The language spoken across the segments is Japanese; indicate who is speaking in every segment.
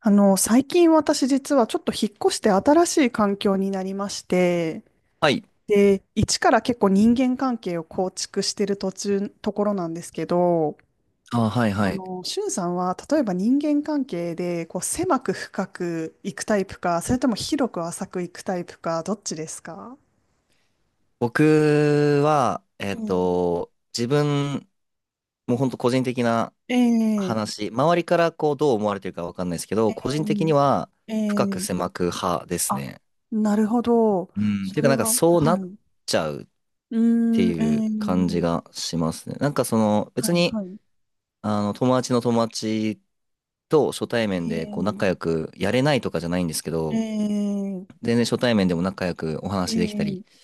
Speaker 1: 最近私実はちょっと引っ越して新しい環境になりまして、
Speaker 2: はい。
Speaker 1: で、一から結構人間関係を構築してるところなんですけど、
Speaker 2: あ、はいはい。
Speaker 1: しゅんさんは例えば人間関係でこう狭く深くいくタイプか、それとも広く浅くいくタイプか、どっちですか？
Speaker 2: 僕は、自分、もう本当個人的な
Speaker 1: ええ、
Speaker 2: 話、周りからこうどう思われてるかわかんないですけ
Speaker 1: え
Speaker 2: ど、個人的には
Speaker 1: え、え
Speaker 2: 深く
Speaker 1: え、
Speaker 2: 狭く派です
Speaker 1: あ、
Speaker 2: ね。
Speaker 1: なるほど。
Speaker 2: うん。て
Speaker 1: そ
Speaker 2: いうか
Speaker 1: れ
Speaker 2: なんか
Speaker 1: は、
Speaker 2: そうな
Speaker 1: は
Speaker 2: っ
Speaker 1: い。
Speaker 2: ちゃうっ
Speaker 1: うー
Speaker 2: て
Speaker 1: ん、え
Speaker 2: いう感じ
Speaker 1: え、
Speaker 2: がしますね。なんかその
Speaker 1: は
Speaker 2: 別
Speaker 1: い、
Speaker 2: に、
Speaker 1: はい。
Speaker 2: 友達の友達と初対面
Speaker 1: え
Speaker 2: でこう仲
Speaker 1: え、
Speaker 2: 良くやれないとかじゃないんですけ
Speaker 1: え
Speaker 2: ど、
Speaker 1: え、
Speaker 2: 全然初対面でも仲良くお話できたり、
Speaker 1: ええ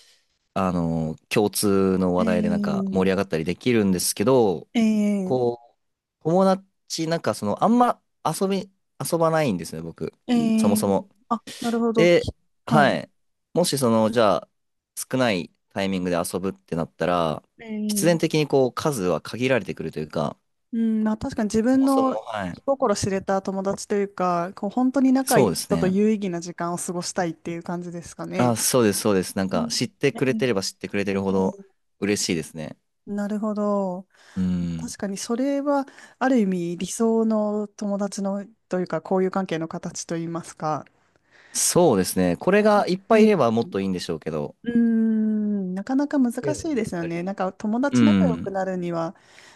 Speaker 2: あの、共通の
Speaker 1: え
Speaker 2: 話題でなんか盛り
Speaker 1: え
Speaker 2: 上がったりできるんですけど、
Speaker 1: ええ
Speaker 2: こう、友達、なんかその、遊ばないんですね、僕。
Speaker 1: え
Speaker 2: そもそ
Speaker 1: え
Speaker 2: も。
Speaker 1: あ、なるほど。
Speaker 2: で、
Speaker 1: は
Speaker 2: は
Speaker 1: い。
Speaker 2: い。もしその、じゃあ、少ないタイミングで遊ぶってなったら、必
Speaker 1: え
Speaker 2: 然
Speaker 1: え、
Speaker 2: 的にこう、数は限られてくるというか、
Speaker 1: うん、まあ確かに自
Speaker 2: そ
Speaker 1: 分
Speaker 2: もそ
Speaker 1: の
Speaker 2: も、は
Speaker 1: 気
Speaker 2: い。
Speaker 1: 心知れた友達というか、こう本当に仲い
Speaker 2: そう
Speaker 1: い
Speaker 2: です
Speaker 1: 人と
Speaker 2: ね。
Speaker 1: 有意義な時間を過ごしたいっていう感じですか
Speaker 2: あ、
Speaker 1: ね。
Speaker 2: そうです、そうです。なん
Speaker 1: う
Speaker 2: か、
Speaker 1: ん、
Speaker 2: 知って
Speaker 1: え
Speaker 2: くれてれば
Speaker 1: え
Speaker 2: 知ってくれてるほ
Speaker 1: え
Speaker 2: ど
Speaker 1: え
Speaker 2: 嬉しいですね。
Speaker 1: なるほど。
Speaker 2: うん。
Speaker 1: 確かにそれはある意味理想の友達のというか、交友関係の形といいますか。
Speaker 2: そうですね。これがいっぱいいればもっといいんでしょうけど、
Speaker 1: うーん、なかなか
Speaker 2: っ
Speaker 1: 難
Speaker 2: ていうのや
Speaker 1: し
Speaker 2: っ
Speaker 1: いですよ
Speaker 2: ぱ
Speaker 1: ね。
Speaker 2: り。
Speaker 1: なんか友
Speaker 2: う
Speaker 1: 達仲良く
Speaker 2: ん。
Speaker 1: なるには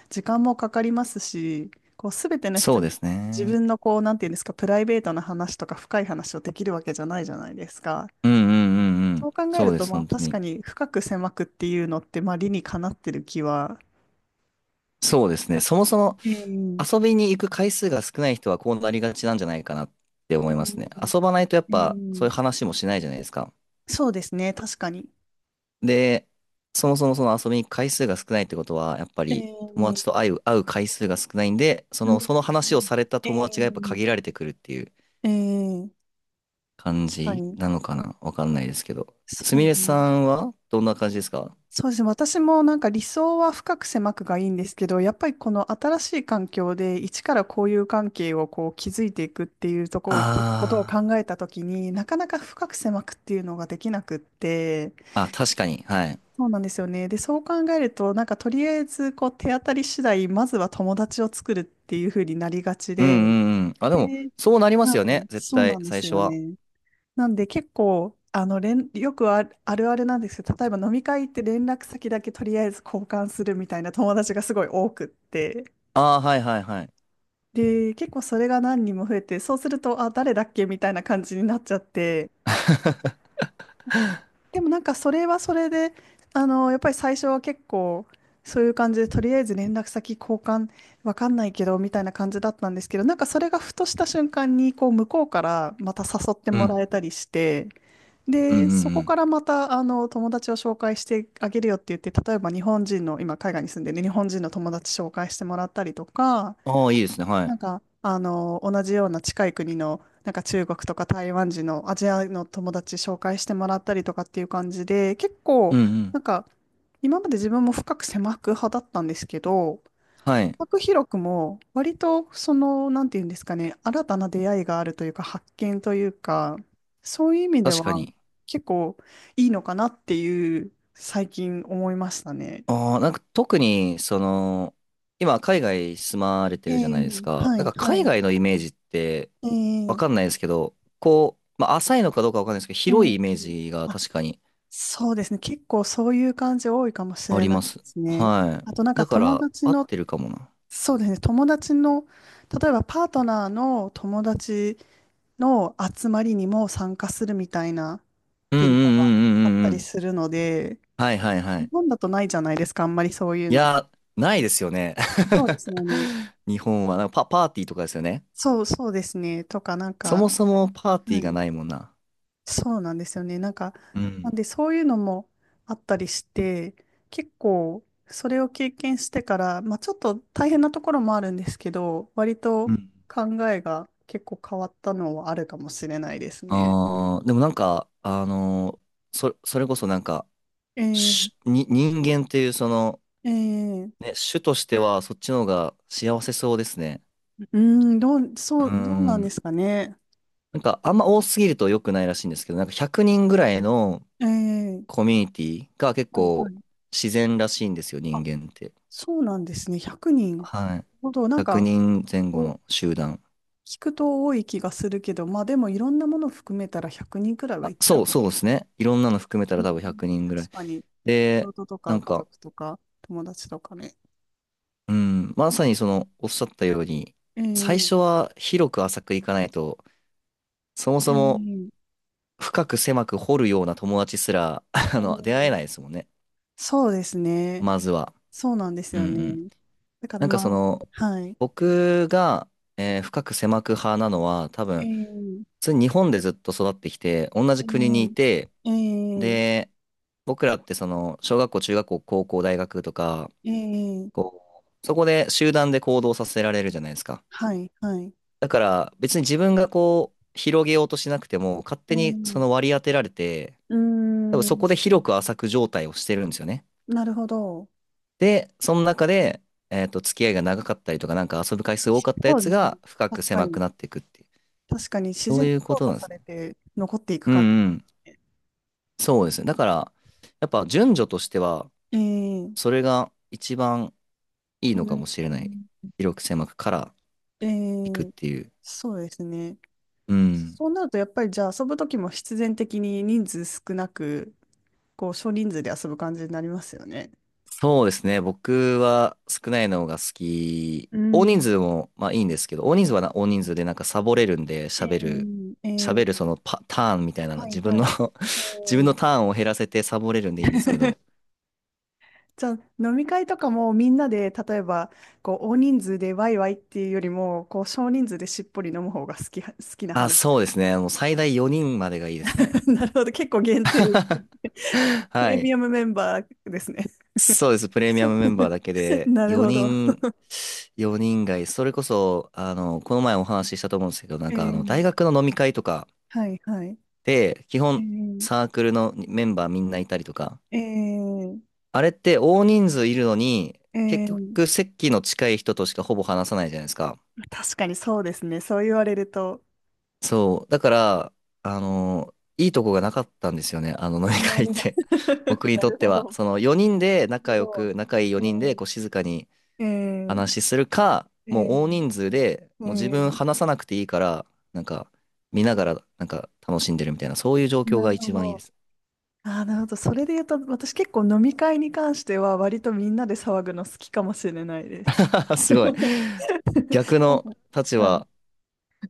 Speaker 1: 時間もかかりますし、こうすべての
Speaker 2: そ
Speaker 1: 人
Speaker 2: うで
Speaker 1: に
Speaker 2: す
Speaker 1: 自
Speaker 2: ね。
Speaker 1: 分のこう、なんていうんですか、プライベートな話とか深い話をできるわけじゃないじゃないですか。
Speaker 2: うんうんうんう
Speaker 1: そ
Speaker 2: ん。
Speaker 1: う考え
Speaker 2: そ
Speaker 1: る
Speaker 2: うで
Speaker 1: と、
Speaker 2: す、
Speaker 1: まあ
Speaker 2: 本当
Speaker 1: 確か
Speaker 2: に。
Speaker 1: に深く狭くっていうのって、まあ理にかなってる気は。
Speaker 2: そうですね。そもそも
Speaker 1: え
Speaker 2: 遊
Speaker 1: ー
Speaker 2: びに行く回数が少ない人はこうなりがちなんじゃないかなって思
Speaker 1: え
Speaker 2: いますね。
Speaker 1: ー
Speaker 2: 遊ばないとやっ
Speaker 1: え
Speaker 2: ぱそう
Speaker 1: ー
Speaker 2: いう話もしないじゃないですか。
Speaker 1: そうですね、確かに。
Speaker 2: で、そもそもその遊びに行く回数が少ないってことは、やっぱ
Speaker 1: え
Speaker 2: り友達
Speaker 1: ー
Speaker 2: と会う、会う回数が少ないんで、そ
Speaker 1: うん
Speaker 2: の、その話をされた
Speaker 1: え
Speaker 2: 友達がやっぱ
Speaker 1: ー
Speaker 2: 限られてくるっていう
Speaker 1: えー
Speaker 2: 感
Speaker 1: 確か
Speaker 2: じ
Speaker 1: に。
Speaker 2: なのかなわかんないですけど。
Speaker 1: そ
Speaker 2: す
Speaker 1: う
Speaker 2: み
Speaker 1: で
Speaker 2: れ
Speaker 1: す
Speaker 2: さ
Speaker 1: ね。
Speaker 2: んはどんな感じですか？
Speaker 1: そうですね。私もなんか理想は深く狭くがいいんですけど、やっぱりこの新しい環境で一から交友関係をこう築いていくっていうとこ、ことを
Speaker 2: ああ
Speaker 1: 考
Speaker 2: ー。
Speaker 1: えたときになかなか深く狭くっていうのができなくって、
Speaker 2: あ、確かに。はい。
Speaker 1: そうなんですよね。で、そう考えるとなんかとりあえずこう手当たり次第、まずは友達を作るっていうふうになりがち
Speaker 2: うん
Speaker 1: で、
Speaker 2: うんうん。あ、でも、そうなりますよ
Speaker 1: は
Speaker 2: ね。
Speaker 1: い、
Speaker 2: 絶
Speaker 1: そうな
Speaker 2: 対、
Speaker 1: んで
Speaker 2: 最
Speaker 1: す
Speaker 2: 初
Speaker 1: よ
Speaker 2: は。
Speaker 1: ね。なんで結構、あの、連、よくある、あるあるなんですけど、例えば飲み会って連絡先だけとりあえず交換するみたいな友達がすごい多くって、
Speaker 2: ああ、はいはいはい。
Speaker 1: で、結構それが何人も増えて、そうすると、あ、誰だっけみたいな感じになっちゃって、でもなんかそれはそれで、あの、やっぱり最初は結構、そういう感じで、とりあえず連絡先交換、わかんないけど、みたいな感じだったんですけど、なんかそれがふとした瞬間に、こう、向こうからまた誘って
Speaker 2: う
Speaker 1: もら
Speaker 2: ん。
Speaker 1: えたりして、
Speaker 2: うんう
Speaker 1: で、そ
Speaker 2: んう
Speaker 1: こ
Speaker 2: ん。
Speaker 1: からまた、あの、友達を紹介してあげるよって言って、例えば日本人の、今海外に住んでる日本人の友達紹介してもらったりとか、
Speaker 2: ああ、いいですね。は
Speaker 1: なん
Speaker 2: い。
Speaker 1: か、あの、同じような近い国の、なんか中国とか台湾人のアジアの友達紹介してもらったりとかっていう感じで、結
Speaker 2: う
Speaker 1: 構、
Speaker 2: んう
Speaker 1: な
Speaker 2: ん。
Speaker 1: んか、今まで自分も深く狭く派だったんですけど、
Speaker 2: はい。
Speaker 1: 拓弘くも割とその、なんていうんですかね、新たな出会いがあるというか、発見というか、そういう意味で
Speaker 2: 確か
Speaker 1: は
Speaker 2: に。
Speaker 1: 結構いいのかなっていう、最近思いましたね。
Speaker 2: ああ、なんか特に、その、今、海外住まれて
Speaker 1: え
Speaker 2: るじゃないです
Speaker 1: え、
Speaker 2: か。
Speaker 1: は
Speaker 2: なん
Speaker 1: い、
Speaker 2: か
Speaker 1: は
Speaker 2: 海
Speaker 1: い。
Speaker 2: 外のイメージって、
Speaker 1: え
Speaker 2: わ
Speaker 1: え、
Speaker 2: かんないですけど、こう、まあ、浅いのかどうかわかんないですけど、
Speaker 1: え
Speaker 2: 広い
Speaker 1: え。
Speaker 2: イメージが
Speaker 1: あ、
Speaker 2: 確かに
Speaker 1: そうですね。結構そういう感じ多いかもし
Speaker 2: あ
Speaker 1: れ
Speaker 2: り
Speaker 1: ない
Speaker 2: ま
Speaker 1: で
Speaker 2: す。
Speaker 1: すね。
Speaker 2: は
Speaker 1: あ
Speaker 2: い。
Speaker 1: となんか
Speaker 2: だか
Speaker 1: 友
Speaker 2: ら、
Speaker 1: 達
Speaker 2: 合っ
Speaker 1: の、
Speaker 2: てるかもな。
Speaker 1: そうですね。友達の、例えばパートナーの友達の集まりにも参加するみたいな
Speaker 2: うんうんう
Speaker 1: 文化が
Speaker 2: ん
Speaker 1: あっ
Speaker 2: うんうん
Speaker 1: た
Speaker 2: う
Speaker 1: り
Speaker 2: ん。
Speaker 1: するので、
Speaker 2: はいはいは
Speaker 1: 日
Speaker 2: い。
Speaker 1: 本だとないじゃないですか、あんまりそういう
Speaker 2: い
Speaker 1: の。
Speaker 2: や、ないですよね。
Speaker 1: そうですよね。
Speaker 2: 日本は、なんかパーティーとかですよね。
Speaker 1: そうそうですね。とか、なん
Speaker 2: そ
Speaker 1: か、
Speaker 2: もそもパーティ
Speaker 1: は
Speaker 2: ーが
Speaker 1: い、
Speaker 2: ないもんな。
Speaker 1: そうなんですよね。なんか、
Speaker 2: う
Speaker 1: なん
Speaker 2: ん。
Speaker 1: でそういうのもあったりして、結構、それを経験してから、まあちょっと大変なところもあるんですけど、割と
Speaker 2: うん。
Speaker 1: 考えが結構変わったのはあるかもしれないですね。
Speaker 2: ああ、でもなんか、それこそなんか、
Speaker 1: えー
Speaker 2: 人間っていうその、
Speaker 1: えー
Speaker 2: ね、種としてはそっちの方が幸せそうですね。
Speaker 1: うーん、どう、そ
Speaker 2: う
Speaker 1: う、どうなんで
Speaker 2: ん。
Speaker 1: すかね。
Speaker 2: なんかあんま多すぎると良くないらしいんですけど、なんか100人ぐらいの
Speaker 1: え
Speaker 2: コ
Speaker 1: え、
Speaker 2: ミュニティが結
Speaker 1: はいは
Speaker 2: 構
Speaker 1: い。
Speaker 2: 自然らしいんですよ、人
Speaker 1: あ、
Speaker 2: 間って。
Speaker 1: そうなんですね。100人
Speaker 2: はい。
Speaker 1: ほど、なん
Speaker 2: 100
Speaker 1: か、
Speaker 2: 人前後
Speaker 1: こう
Speaker 2: の集団。
Speaker 1: 聞くと多い気がするけど、まあでもいろんなもの含めたら100人くにんくらいはい
Speaker 2: あ、
Speaker 1: っちゃ
Speaker 2: そ
Speaker 1: う。
Speaker 2: う、そうですね。いろんなの含めた
Speaker 1: う
Speaker 2: ら多分
Speaker 1: ん、
Speaker 2: 100人ぐらい。
Speaker 1: 確かに、仕
Speaker 2: で、
Speaker 1: 事と
Speaker 2: な
Speaker 1: か
Speaker 2: ん
Speaker 1: 家
Speaker 2: か、
Speaker 1: 族とか友達とかね。
Speaker 2: うん、まさにその、おっしゃったように、最
Speaker 1: え
Speaker 2: 初
Speaker 1: え
Speaker 2: は広く浅くいかないと、そも
Speaker 1: え
Speaker 2: そも
Speaker 1: え
Speaker 2: 深く狭く掘るような友達すら、
Speaker 1: え
Speaker 2: あの、出会え
Speaker 1: え
Speaker 2: ないですもんね。
Speaker 1: そうですね。
Speaker 2: まずは。
Speaker 1: そうなんです
Speaker 2: う
Speaker 1: よ
Speaker 2: んうん。
Speaker 1: ね。だから
Speaker 2: なん
Speaker 1: ま
Speaker 2: か
Speaker 1: あ、
Speaker 2: その、
Speaker 1: はい。
Speaker 2: 僕が、深く狭く派なのは、多分、普
Speaker 1: ええ
Speaker 2: 通に日本でずっと育ってきて、同じ
Speaker 1: え
Speaker 2: 国にい
Speaker 1: え
Speaker 2: て、
Speaker 1: ええ
Speaker 2: で、僕らってその、小学校、中学校、高校、大学とか、
Speaker 1: ええ
Speaker 2: こう、そこで集団で行動させられるじゃないですか。
Speaker 1: はい、はい。
Speaker 2: だから別に自分がこう、広げようとしなくても、勝
Speaker 1: え
Speaker 2: 手にそ
Speaker 1: ー、
Speaker 2: の割り当てられて、
Speaker 1: うー
Speaker 2: 多分そこ
Speaker 1: ん、
Speaker 2: で広く浅く状態をしてるんですよね。
Speaker 1: なるほど。
Speaker 2: で、その中で、付き合いが長かったりとか、なんか遊ぶ回数多かったや
Speaker 1: そう
Speaker 2: つ
Speaker 1: ですね。
Speaker 2: が深く
Speaker 1: 確か
Speaker 2: 狭
Speaker 1: に。
Speaker 2: くなっていくっていう、
Speaker 1: 確かに自
Speaker 2: そ
Speaker 1: 然
Speaker 2: う
Speaker 1: に
Speaker 2: いうこ
Speaker 1: 淘
Speaker 2: と
Speaker 1: 汰
Speaker 2: なんで
Speaker 1: さ
Speaker 2: す
Speaker 1: れ
Speaker 2: ね。
Speaker 1: て残っていく
Speaker 2: うん
Speaker 1: 感
Speaker 2: うん。
Speaker 1: じで。
Speaker 2: そうですね。だから、やっぱ順序としては、
Speaker 1: えー、
Speaker 2: それが一番いい
Speaker 1: う
Speaker 2: のかもしれない。
Speaker 1: ん、
Speaker 2: 広く狭くから
Speaker 1: え
Speaker 2: 行くっ
Speaker 1: ー、
Speaker 2: ていう。
Speaker 1: そうですね。
Speaker 2: うん。
Speaker 1: そうなると、やっぱりじゃあ遊ぶときも必然的に人数少なく、こう少人数で遊ぶ感じになりますよね。
Speaker 2: そうですね。僕は少ないのが好き。
Speaker 1: う
Speaker 2: 大人
Speaker 1: ん。
Speaker 2: 数もまあいいんですけど、大人数でなんかサボれるんで
Speaker 1: え
Speaker 2: 喋る、
Speaker 1: ー、え
Speaker 2: 喋る
Speaker 1: ー、
Speaker 2: そのパ、ターンみたいなの、
Speaker 1: はい
Speaker 2: 自分
Speaker 1: はい。
Speaker 2: の
Speaker 1: え
Speaker 2: 自分の
Speaker 1: ー
Speaker 2: ターンを減らせてサボれるんでいいんですけど。
Speaker 1: じゃあ飲み会とかもみんなで例えばこう大人数でワイワイっていうよりもこう少人数でしっぽり飲む方が好き、好きな派
Speaker 2: あ、
Speaker 1: で
Speaker 2: そう
Speaker 1: す。
Speaker 2: ですね。もう最大4人までがいいですね。
Speaker 1: なるほど。結構限定、プ
Speaker 2: は
Speaker 1: レ
Speaker 2: い。
Speaker 1: ミアムメンバーですね。
Speaker 2: そうです。プレミアムメンバー だけで、
Speaker 1: なるほ
Speaker 2: 4
Speaker 1: ど。
Speaker 2: 人、4人がいい。それこそ、あの、この前お話ししたと思うんですけど、な
Speaker 1: え
Speaker 2: んかあの、
Speaker 1: ー、
Speaker 2: 大学の飲み会とか
Speaker 1: はいはい。
Speaker 2: で、基
Speaker 1: え
Speaker 2: 本
Speaker 1: ー、
Speaker 2: サークルのメンバーみんないたりとか、
Speaker 1: えー、
Speaker 2: あれって大人数いるのに、
Speaker 1: え
Speaker 2: 結
Speaker 1: ー
Speaker 2: 局席の近い人としかほぼ話さないじゃないですか。
Speaker 1: 確かにそうですね。そう言われると。
Speaker 2: そう。だから、あの、いいとこがなかったんですよね。あの飲み
Speaker 1: な
Speaker 2: 会っ
Speaker 1: るほど。
Speaker 2: て。僕 に
Speaker 1: な
Speaker 2: とっ
Speaker 1: る
Speaker 2: て
Speaker 1: ほ
Speaker 2: は。
Speaker 1: ど。
Speaker 2: その4人で
Speaker 1: な
Speaker 2: 仲
Speaker 1: るほ
Speaker 2: 良
Speaker 1: ど。
Speaker 2: く、仲いい4人でこう静かに
Speaker 1: えー、
Speaker 2: 話しするか、
Speaker 1: えー、
Speaker 2: もう大人
Speaker 1: え
Speaker 2: 数で、
Speaker 1: ー、え
Speaker 2: もう自分
Speaker 1: ー
Speaker 2: 話さなくていいから、なんか見ながらなんか楽しんでるみたいな、そういう状況
Speaker 1: な
Speaker 2: が
Speaker 1: るほ
Speaker 2: 一番いいで
Speaker 1: ど。
Speaker 2: す。
Speaker 1: ああ、なるほど。それで言うと、私結構飲み会に関しては、割とみんなで騒ぐの好きかもしれないです。
Speaker 2: すごい。逆
Speaker 1: なん
Speaker 2: の
Speaker 1: か、
Speaker 2: 立
Speaker 1: うん。
Speaker 2: 場、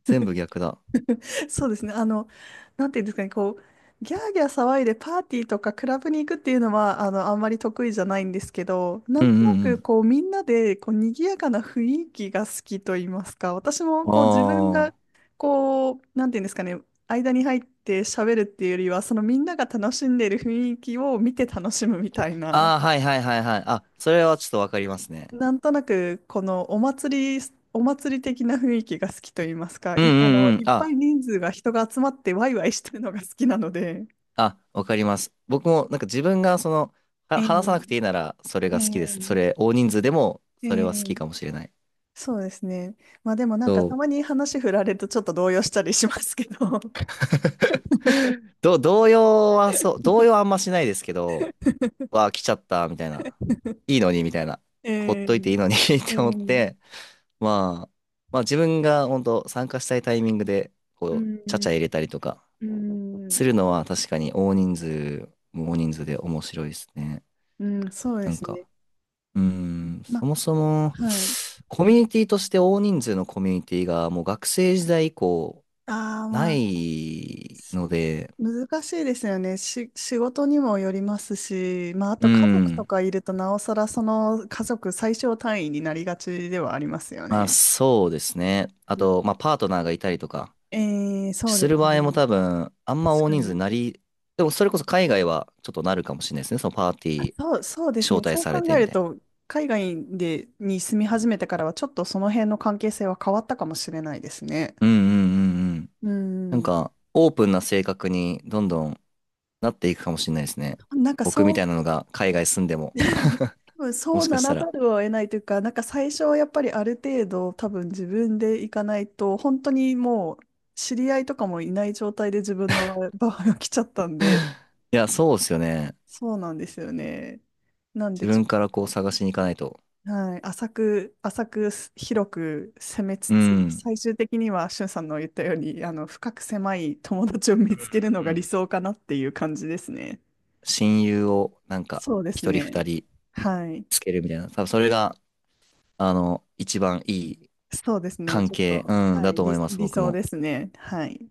Speaker 2: 全部逆だ。
Speaker 1: そうですね。あの、なんていうんですかね、こう、ギャーギャー騒いでパーティーとかクラブに行くっていうのは、あの、あんまり得意じゃないんですけど、な
Speaker 2: うん
Speaker 1: んとな
Speaker 2: う
Speaker 1: く、
Speaker 2: ん
Speaker 1: こう、みんなで、こう、賑やかな雰囲気が好きと言いますか、私も、
Speaker 2: うん。
Speaker 1: こう、自分が、
Speaker 2: ああ。
Speaker 1: こう、なんていうんですかね、間に入って喋るっていうよりは、そのみんなが楽しんでいる雰囲気を見て楽しむみたいな。
Speaker 2: ああ、はいはいはいはい。あ、それはちょっとわかりますね。
Speaker 1: なんとなく、このお祭り的な雰囲気が好きと言いますか、
Speaker 2: うん
Speaker 1: い、あの、
Speaker 2: うんうん。
Speaker 1: いっぱ
Speaker 2: あ、
Speaker 1: い人が集まってワイワイしてるのが好きなので。
Speaker 2: あ、わかります。僕もなんか自分がその、
Speaker 1: え
Speaker 2: 話さ
Speaker 1: え、
Speaker 2: なくていいならそれ
Speaker 1: え
Speaker 2: が好き
Speaker 1: え、
Speaker 2: です。それ、大人数でも
Speaker 1: え
Speaker 2: それは好き
Speaker 1: え、
Speaker 2: かもしれない。
Speaker 1: そうですね。まあでもなんか
Speaker 2: そ
Speaker 1: たま
Speaker 2: う。
Speaker 1: に話振られるとちょっと動揺したりしますけど。
Speaker 2: ど、動揺はそう、動揺はあんましないですけど、わあ、来ちゃった、みたいな。いいのに、みたいな。
Speaker 1: え
Speaker 2: ほっ
Speaker 1: え、
Speaker 2: といていいのに っ
Speaker 1: ええ、う
Speaker 2: て思っ
Speaker 1: ん、
Speaker 2: て、まあ、まあ自分が本当参加したいタイミングで、こう、ちゃちゃ入れたりとか、
Speaker 1: うん、
Speaker 2: するのは確かに大人数、大人数で面白いですね。
Speaker 1: うん、そうで
Speaker 2: なん
Speaker 1: すね。
Speaker 2: か、うーん、
Speaker 1: ま
Speaker 2: そもそも、
Speaker 1: あ、はい。
Speaker 2: コミュニティとして大人数のコミュニティがもう学生時代以降
Speaker 1: ああ、
Speaker 2: な
Speaker 1: まあ
Speaker 2: いので、
Speaker 1: 難しいですよね。仕事にもよりますし、まあ、あ
Speaker 2: う
Speaker 1: と家族と
Speaker 2: ん、
Speaker 1: かいると、なおさらその家族最小単位になりがちではありますよ
Speaker 2: まあ
Speaker 1: ね。
Speaker 2: そうですね。あ
Speaker 1: うん、
Speaker 2: と、まあパートナーがいたりとか、
Speaker 1: そう
Speaker 2: す
Speaker 1: です
Speaker 2: る場合も
Speaker 1: ね。
Speaker 2: 多分、あんま
Speaker 1: 確
Speaker 2: 大
Speaker 1: か
Speaker 2: 人数
Speaker 1: に。
Speaker 2: になり、でもそれこそ海外はちょっとなるかもしれないですね。そのパーテ
Speaker 1: あ、
Speaker 2: ィー
Speaker 1: そう、そうです
Speaker 2: 招
Speaker 1: ね。
Speaker 2: 待
Speaker 1: そう
Speaker 2: され
Speaker 1: 考
Speaker 2: て
Speaker 1: え
Speaker 2: み
Speaker 1: る
Speaker 2: たいな。
Speaker 1: と、海外に住み始めてからは、ちょっとその辺の関係性は変わったかもしれないですね。
Speaker 2: うんうんうんうん。
Speaker 1: う
Speaker 2: なん
Speaker 1: ん。
Speaker 2: か、オープンな性格にどんどんなっていくかもしれないですね。
Speaker 1: なんか
Speaker 2: 僕み
Speaker 1: そ
Speaker 2: た
Speaker 1: う、
Speaker 2: いなのが海外住んでも、
Speaker 1: 多分
Speaker 2: も
Speaker 1: そう
Speaker 2: しか
Speaker 1: な
Speaker 2: し
Speaker 1: ら
Speaker 2: たら。
Speaker 1: ざるを得ないというか、なんか最初はやっぱりある程度多分自分で行かないと、本当にもう知り合いとかもいない状態で自分の場合 が来ちゃったんで、
Speaker 2: いや、そうですよね。
Speaker 1: そうなんですよね。なん
Speaker 2: 自
Speaker 1: でちょ
Speaker 2: 分から
Speaker 1: っ
Speaker 2: こう
Speaker 1: と、
Speaker 2: 探しに行かないと。
Speaker 1: はい、浅く広く攻めつ
Speaker 2: う
Speaker 1: つ、
Speaker 2: ん。
Speaker 1: 最終的にはしゅんさんの言ったように、あの、深く狭い友達を見つけるの
Speaker 2: う
Speaker 1: が理
Speaker 2: ん。
Speaker 1: 想かなっていう感じですね。
Speaker 2: 親友をなんか
Speaker 1: そうです
Speaker 2: 一人
Speaker 1: ね。
Speaker 2: 二人
Speaker 1: はい。
Speaker 2: つけるみたいな。多分それが、あの、一番いい
Speaker 1: そうですね。
Speaker 2: 関
Speaker 1: ちょっ
Speaker 2: 係、
Speaker 1: と、
Speaker 2: うん、
Speaker 1: は
Speaker 2: だ
Speaker 1: い、
Speaker 2: と思います、
Speaker 1: 理
Speaker 2: 僕
Speaker 1: 想
Speaker 2: も。
Speaker 1: ですね。はい。